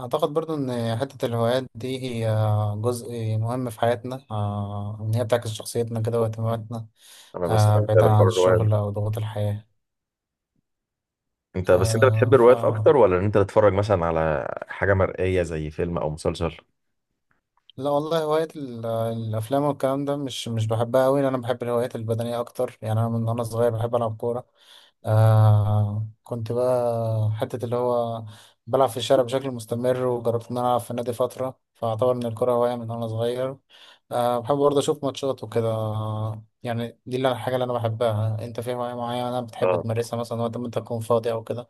أعتقد برضو إن حتة الهوايات دي هي جزء مهم في حياتنا، إن هي بتعكس شخصيتنا كده واهتماماتنا، انا بستمتع بعيدا عن بحوار الروايات. الشغل أو ضغوط الحياة. انت آه، بتحب الروايات اكتر ولا ان انت تتفرج مثلا على حاجه مرئيه زي فيلم او مسلسل؟ لا والله، هواية الأفلام والكلام ده مش بحبها أوي. أنا بحب الهوايات البدنية أكتر، يعني أنا من وأنا صغير بحب ألعب كورة. كنت بقى حتة اللي هو بلعب في الشارع بشكل مستمر، وجربت إن أنا ألعب في النادي فترة، فأعتبر إن الكورة هواية من وأنا صغير. بحب برضه أشوف ماتشات وكده، يعني دي الحاجة اللي أنا بحبها. أنت في هواية معينة بتحب اه، تمارسها مثلا وقت ما أنت تكون فاضي أو كده؟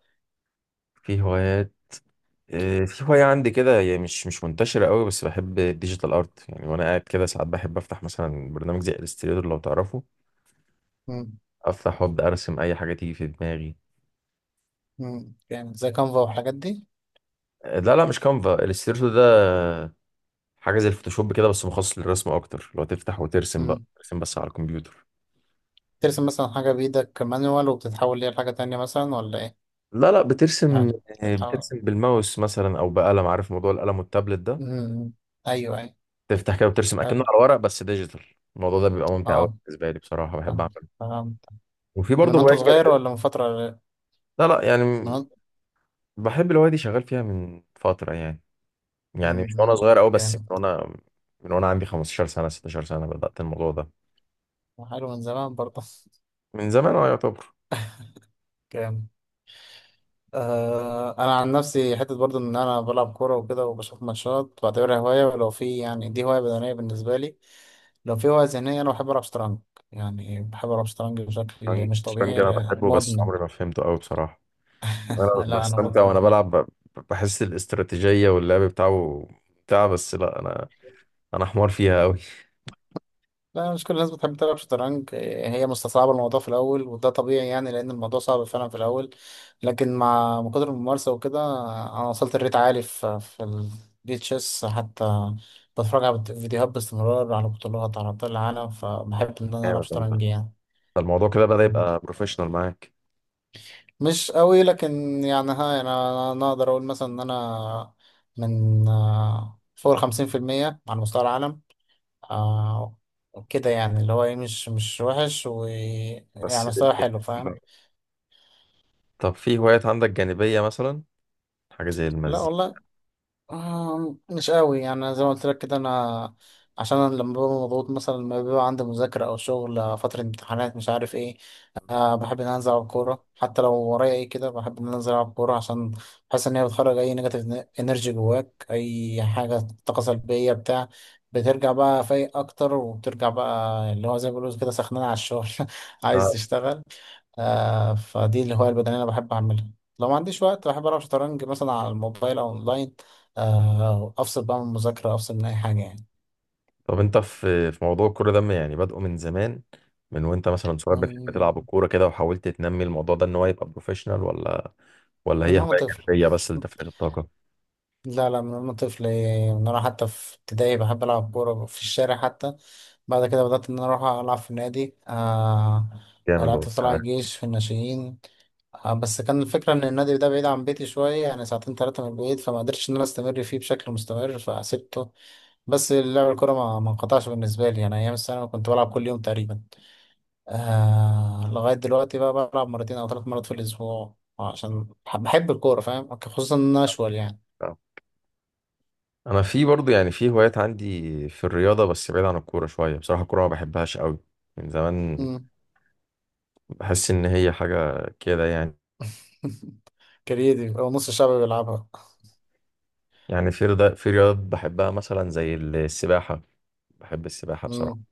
في هوايات. آه، في هوايه عندي كده، هي مش منتشره قوي، بس بحب الديجيتال ارت يعني. وانا قاعد كده ساعات بحب افتح مثلا برنامج زي الستريتور، لو تعرفه، مم. افتح وابدا ارسم اي حاجه تيجي في دماغي. يعني زي كانفا والحاجات دي؟ آه، لا لا، مش كانفا، الستريتور ده حاجه زي الفوتوشوب كده بس مخصص للرسم اكتر، لو تفتح وترسم بقى، ترسم بس على الكمبيوتر. ترسم مثلا حاجة بإيدك مانوال وبتتحول ليها لحاجة تانية مثلا، ولا إيه؟ لا لا، بترسم، يعني بتتحول. بترسم بالماوس مثلا او بقلم، عارف موضوع القلم والتابلت ده، أمم، أيوه، أيوه. تفتح كده وترسم حلو. اكنه على ورق بس ديجيتال. الموضوع ده بيبقى ممتع قوي أه بالنسبه لي بصراحه، بحب فهمت، اعمله. فهمت. وفي ده من برضه وأنت هوايه صغير كده. ولا من فترة؟ لا لا يعني، من وأنت. بحب الهوايه دي، شغال فيها من فتره يعني، يعني مش وانا أمم، صغير قوي، بس من جامد. وانا من وانا عندي 15 سنه 16 سنه بدات الموضوع ده. حلو، من زمان برضه. من زمان، اه، يعتبر. جامد. أنا عن نفسي حتة برضه إن أنا بلعب كورة وكده وبشوف ماتشات بعتبرها هواية، ولو في يعني دي هواية بدنية بالنسبة لي. لو في هواية ذهنية، أنا بحب ألعب شطرنج، يعني بحب ألعب شطرنج بشكل الشطرنج مش الشطرنج طبيعي، انا بحبه، بس مدمن. عمري ما فهمته قوي بصراحه. انا لا، أنا بستمتع مدمن. وانا بلعب بحس الاستراتيجيه واللعب بتاعه، بس لا، انا حمار فيها قوي. لا، مش كل الناس بتحب تلعب شطرنج، إيه، هي مستصعبة الموضوع في الأول، وده طبيعي يعني، لأن الموضوع صعب فعلا في الأول. لكن مع كتر الممارسة وكده، أنا وصلت لريت عالي في البي تشيس حتى. بتفرج على فيديوهات باستمرار، على بطولات، على أبطال العالم، فبحب إن أنا ألعب جامد والله. شطرنج يعني. ده الموضوع كده بدأ مم. يبقى بروفيشنال معاك. مش قوي، لكن يعني ها، يعني أنا أقدر أقول مثلا إن أنا من، فوق 50% على مستوى العالم. آه كده يعني، اللي هو ايه، مش وحش، ويعني بس جامد مستوى حلو، فاهم. والله. طب في هوايات عندك جانبية مثلا، حاجة زي لا المزيكا؟ والله. مش قوي، يعني زي ما قلت لك كده. انا عشان أنا لما ببقى مضغوط مثلا، لما بيبقى عندي مذاكرة أو شغل، فترة امتحانات، مش عارف ايه. بحب إن أنا أنزل ألعب كورة، حتى لو ورايا ايه كده بحب إن أنا أنزل ألعب كورة، عشان بحس إن هي بتخرج أي نيجاتيف إنرجي جواك، أي حاجة، طاقة سلبية بتاع. بترجع بقى فايق أكتر، وبترجع بقى اللي هو زي ما بيقولوا كده سخنان على الشغل. عايز آه. تشتغل. فدي الهواية البدنية أنا بحب أعملها. لو ما عنديش وقت، بحب ألعب شطرنج مثلا على الموبايل أو أونلاين. أفصل بقى من المذاكرة، أفصل من أي حاجة يعني. طب انت في موضوع الكورة ده، يعني بادئه من زمان، من وانت مثلا صغير بتحب تلعب من الكورة كده وحاولت تنمي الموضوع ده ان هو يبقى بروفيشنال، ولا هي وأنا هواية طفل. جانبية بس لتفريغ الطاقة؟ لا، لا، من وأنا طفل، إيه، من وأنا حتى في ابتدائي بحب ألعب كورة في الشارع حتى. بعد كده بدأت إن أنا أروح ألعب في النادي. جامد والله، لعبت في طلائع عارف. الجيش في الناشئين، بس كان الفكرة إن النادي ده بعيد عن بيتي شوية، يعني ساعتين تلاتة من البيت، فما قدرتش إن أنا أستمر فيه بشكل مستمر فسبته. بس لعب الكورة ما انقطعش بالنسبة لي، أنا أيام الثانوي كنت بلعب كل يوم تقريبا. لغاية دلوقتي بقى بلعب مرتين أو 3 مرات في الأسبوع، عشان بحب الكورة، فاهم، خصوصا إن أنا أشول يعني. آه. انا في برضو يعني في هوايات عندي، في الرياضة، بس بعيد عن الكورة شوية. بصراحة الكورة ما بحبهاش قوي من زمان، مم. بحس ان هي حاجة كده يعني. كريدي، أو نص الشعب بيلعبها. يعني في رياضات بحبها مثلا زي السباحة. بحب السباحة بصراحة. مم.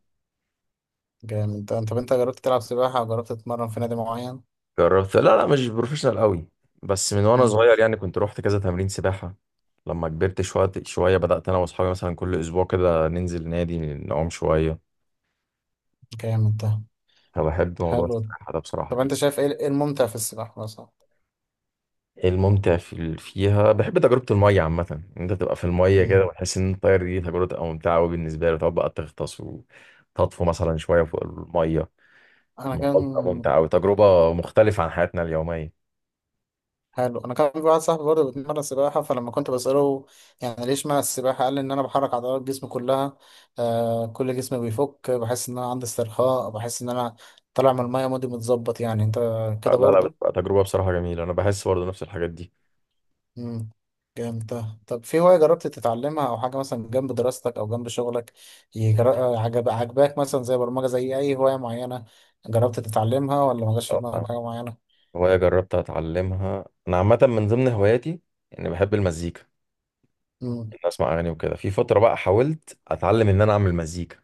جامد ده. طب أنت جربت تلعب سباحة، أو جربت تتمرن في نادي معين؟ جربت، لا لا، مش بروفيشنال قوي، بس من وانا مم. صغير يعني كنت روحت كذا تمرين سباحة. لما كبرت شوية شوية بدأت انا واصحابي مثلا كل اسبوع كده ننزل نادي نعوم شوية. جامد ده، فبحب موضوع حلو. السباحة ده بصراحة طب انت دي. شايف ايه، إيه الممتع في السباحة مثلا؟ الممتع فيها، بحب تجربة المية عامة، ان انت تبقى في المية كده مم. وتحس ان انت طاير. دي تجربة تبقى ممتعة قوي بالنسبة لي، تقعد بقى تغطس وتطفو مثلا شوية فوق المية. انا كان الموضوع بيبقى ممتع أوي، تجربة مختلفة عن حياتنا اليومية. حلو، انا كان في واحد صاحبي برضه بيتمرن سباحة، فلما كنت بسأله يعني ليه اشمعنى السباحة، قال لي ان انا بحرك عضلات جسمي كلها. كل جسمي بيفك، بحس ان انا عندي استرخاء، بحس ان انا طالع من المية، مودي متظبط يعني، انت آه، كده لا لا، برضه؟ بتبقى تجربة بصراحة جميلة، أنا بحس برضه نفس الحاجات دي. مم. جامد ده. طب في هواية جربت تتعلمها، أو حاجة مثلا جنب دراستك أو جنب شغلك، عجب عجباك مثلا، زي برمجة، زي أي هواية معينة جربت تتعلمها، ولا ما جاش في آه، فاهمك. دماغك حاجة معينة؟ هواية جربت أتعلمها، أنا عامة من ضمن هواياتي إني بحب المزيكا، إن أسمع أغاني وكده. في فترة بقى حاولت أتعلم إن أنا أعمل مزيكا،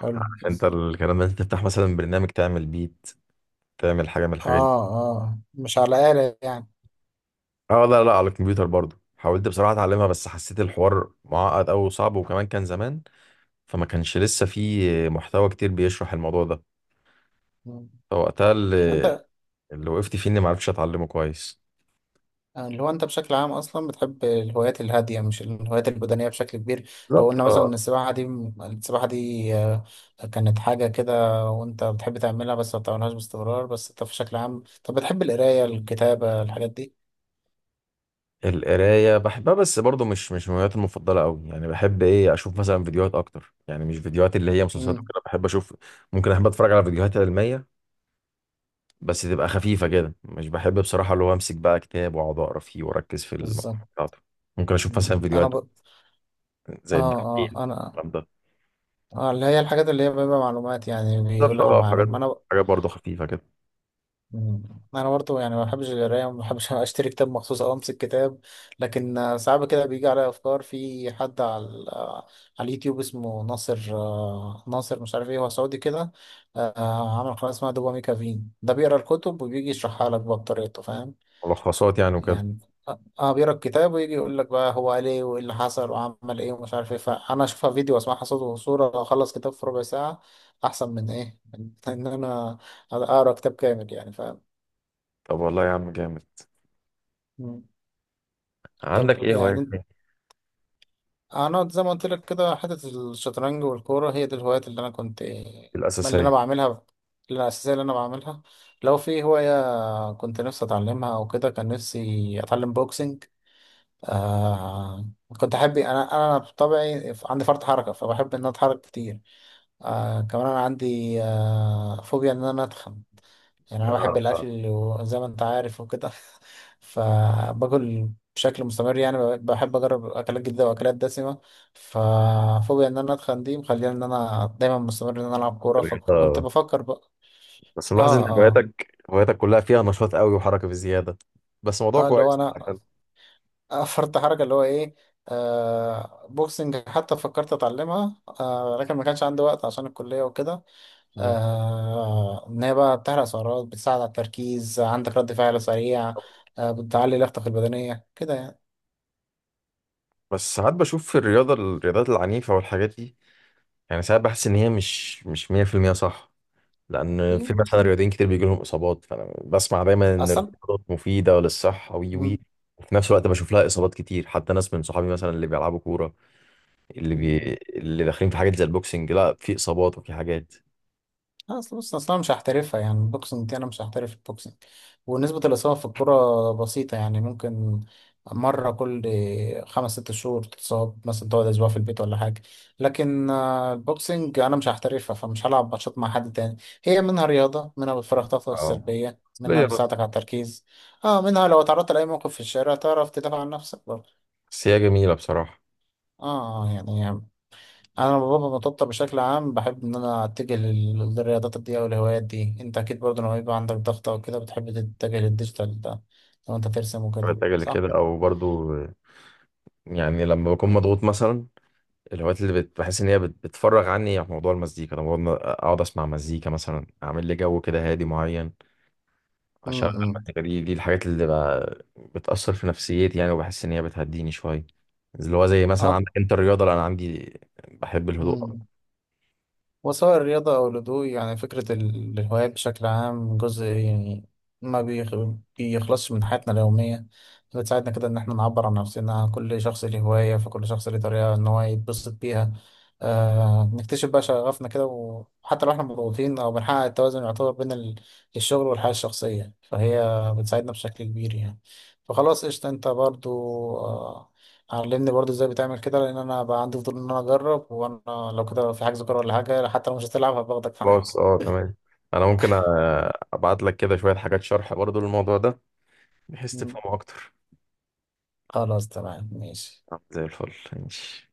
حلو. عارف أنت الكلام ده، أنت تفتح مثلا برنامج تعمل بيت، تعمل حاجة من الحاجات دي. اه، اه مش على آلة يعني. أه، لا لا، على الكمبيوتر برضه. حاولت بصراحة أتعلمها بس حسيت الحوار معقد أوي وصعب، وكمان كان زمان، فما كانش لسه في محتوى كتير بيشرح الموضوع ده. مم. فوقتها اللي انت اللي وقفت فيه اني ما عرفتش اتعلمه كويس. اللي هو انت بشكل عام اصلا بتحب الهوايات الهادية، مش الهوايات البدنية بشكل كبير. لو بالظبط، قلنا مثلا اه. ان السباحة دي، السباحة دي آه، كانت حاجة كده وانت بتحب تعملها، بس ما بتعملهاش باستمرار، بس انت بشكل عام طب بتحب القراية، الكتابة، الحاجات دي؟ القرايه بحبها، بس برضو مش من هواياتي المفضله قوي، يعني بحب ايه، اشوف مثلا فيديوهات اكتر، يعني مش فيديوهات اللي هي مسلسلات امم. وكده. بحب اشوف، ممكن احب اتفرج على فيديوهات علميه بس تبقى خفيفه كده. مش بحب بصراحه اللي هو امسك بقى كتاب واقعد اقرا فيه واركز في المقال بالظبط. بتاعته. ممكن اشوف مم. مثلا فيديوهات اه، زي الدحيح، اه، انا الكلام ده. اه، اللي هي الحاجات اللي هي بيبقى معلومات يعني، بالظبط بيقول بقى، لك اه، وحاجات المعلومة انا. حاجات برضو خفيفه كده. مم. انا برضو يعني ما بحبش القرايه، ما بحبش اشتري كتاب مخصوص او امسك كتاب. لكن ساعات كده بيجي عليا افكار، في حد على على اليوتيوب اسمه ناصر، ناصر مش عارف ايه، هو سعودي كده. عمل قناه اسمها دوبامي كافين، ده بيقرا الكتب وبيجي يشرحها لك بقى بطريقته، فاهم. ملخصات يعني وكده. يعني اه. بيقرا الكتاب ويجي يقول لك بقى هو قال ايه، وايه اللي حصل، وعمل ايه، ومش عارف ايه، فانا اشوفها فيديو واسمعها صوت وصوره، اخلص كتاب في ربع ساعه، احسن من ايه، من ان انا اقرا كتاب كامل يعني، فاهم. طب والله يا عم جامد، مم. عندك طب ايه هوايات يعني انا زي ما قلت لك كده، حته الشطرنج والكوره، هي دي الهوايات اللي انا كنت، اللي الاساسيه؟ انا بعملها، اللي أنا الاساسيه اللي انا بعملها. لو في هوايه كنت نفسي اتعلمها او كده، كان نفسي اتعلم بوكسنج. آه كنت احب، انا بطبعي عندي فرط حركه، فبحب ان انا اتحرك كتير. كمان انا عندي فوبيا ان انا اتخن، يعني انا بحب آه، آه. الاكل وزي ما انت عارف وكده. فباكل بشكل مستمر، يعني بحب اجرب اكلات جديده واكلات دسمه. ففوبيا ان انا اتخن دي مخليني ان انا دايما مستمر ان انا العب كوره، فكنت الرياضة. بفكر بقى. بس ملاحظ اه، ان اه، هواياتك كلها فيها نشاط قوي وحركه بزياده. بس موضوع اه اللي هو كويس. انا. حلو. فرط حركه اللي هو ايه. بوكسنج حتى فكرت اتعلمها، لكن ما كانش عندي وقت عشان الكليه وكده. مم. إن هي بقى بتحرق سعرات، بتساعد على التركيز، عندك رد فعل سريع، بتعلي لياقتك البدنية كده يعني. بس ساعات بشوف في الرياضات العنيفه والحاجات دي، يعني ساعات بحس ان هي مش 100% صح، لان في يعني مثلا رياضيين كتير بيجي لهم اصابات، فانا بسمع دايما ان أصلا. الرياضات مفيده للصحه، وي وي وفي نفس الوقت بشوف لها اصابات كتير، حتى ناس من صحابي مثلا اللي بيلعبوا كوره، اللي بي... اللي داخلين في حاجات زي البوكسنج، لا، في اصابات وفي حاجات. لا، اصل بص، اصلا مش هحترفها يعني البوكسنج دي، انا مش هحترف البوكسنج. ونسبة الإصابة في الكرة بسيطة يعني، ممكن مرة كل خمس ست شهور تتصاب مثلا، تقعد أسبوع في البيت ولا حاجة. لكن البوكسنج أنا مش هحترفها، فمش هلعب ماتشات مع حد تاني. هي منها رياضة، منها بتفرغ طاقتك اه، السلبية، منها ليا، بس بتساعدك على التركيز. اه منها لو اتعرضت لأي موقف في الشارع، تعرف تدافع عن نفسك برضه. بس هي جميله بصراحه. اه يعني، انا بابا بطبطب بشكل عام بحب ان انا اتجه للرياضات دي او الهوايات دي. انت اكيد برضه لما يبقى عندك ضغط او كده بتحب تتجه للديجيتال ده، لو انت ترسم وكده، بتجري صح؟ كده او برضو، يعني لما بكون مضغوط مثلا، الهوايات اللي بحس ان هي بتفرغ عني، عن موضوع المزيكا، لما اقعد اسمع مزيكا مثلا، اعمل لي جو كده هادي معين، اشغل امم. المزيكا دي. دي الحاجات اللي بقى بتأثر في نفسيتي يعني، وبحس ان هي بتهديني شوية. اللي هو زي مثلا أعت- عندك انت الرياضة، لأ، انا عندي بحب الهدوء أكتر. مم. وسواء الرياضة أو الهدوء، يعني فكرة الهوايات بشكل عام جزء يعني ما بيخ- بيخلصش من حياتنا اليومية. بتساعدنا كده إن احنا نعبر عن نفسنا، كل شخص له هواية، فكل شخص له طريقة إن هو يتبسط بيها. نكتشف بقى شغفنا كده، وحتى لو احنا مضغوطين أو بنحقق التوازن يعتبر بين الشغل والحياة الشخصية، فهي بتساعدنا بشكل كبير يعني. فخلاص، قشطة، أنت برضو، آه، علمني برضو ازاي بتعمل كده، لان انا بقى عندي فضول ان انا اجرب، وانا لو كده في حجز كوره ولا حاجه، حتى لو مش هتلعب هباخدك معايا. خلاص، اه، تمام. انا ممكن ابعت لك كده شوية حاجات شرح برضو للموضوع ده، بحيث مم. تفهمه اكتر. خلاص، تمام، ماشي. زي الفل، ماشي.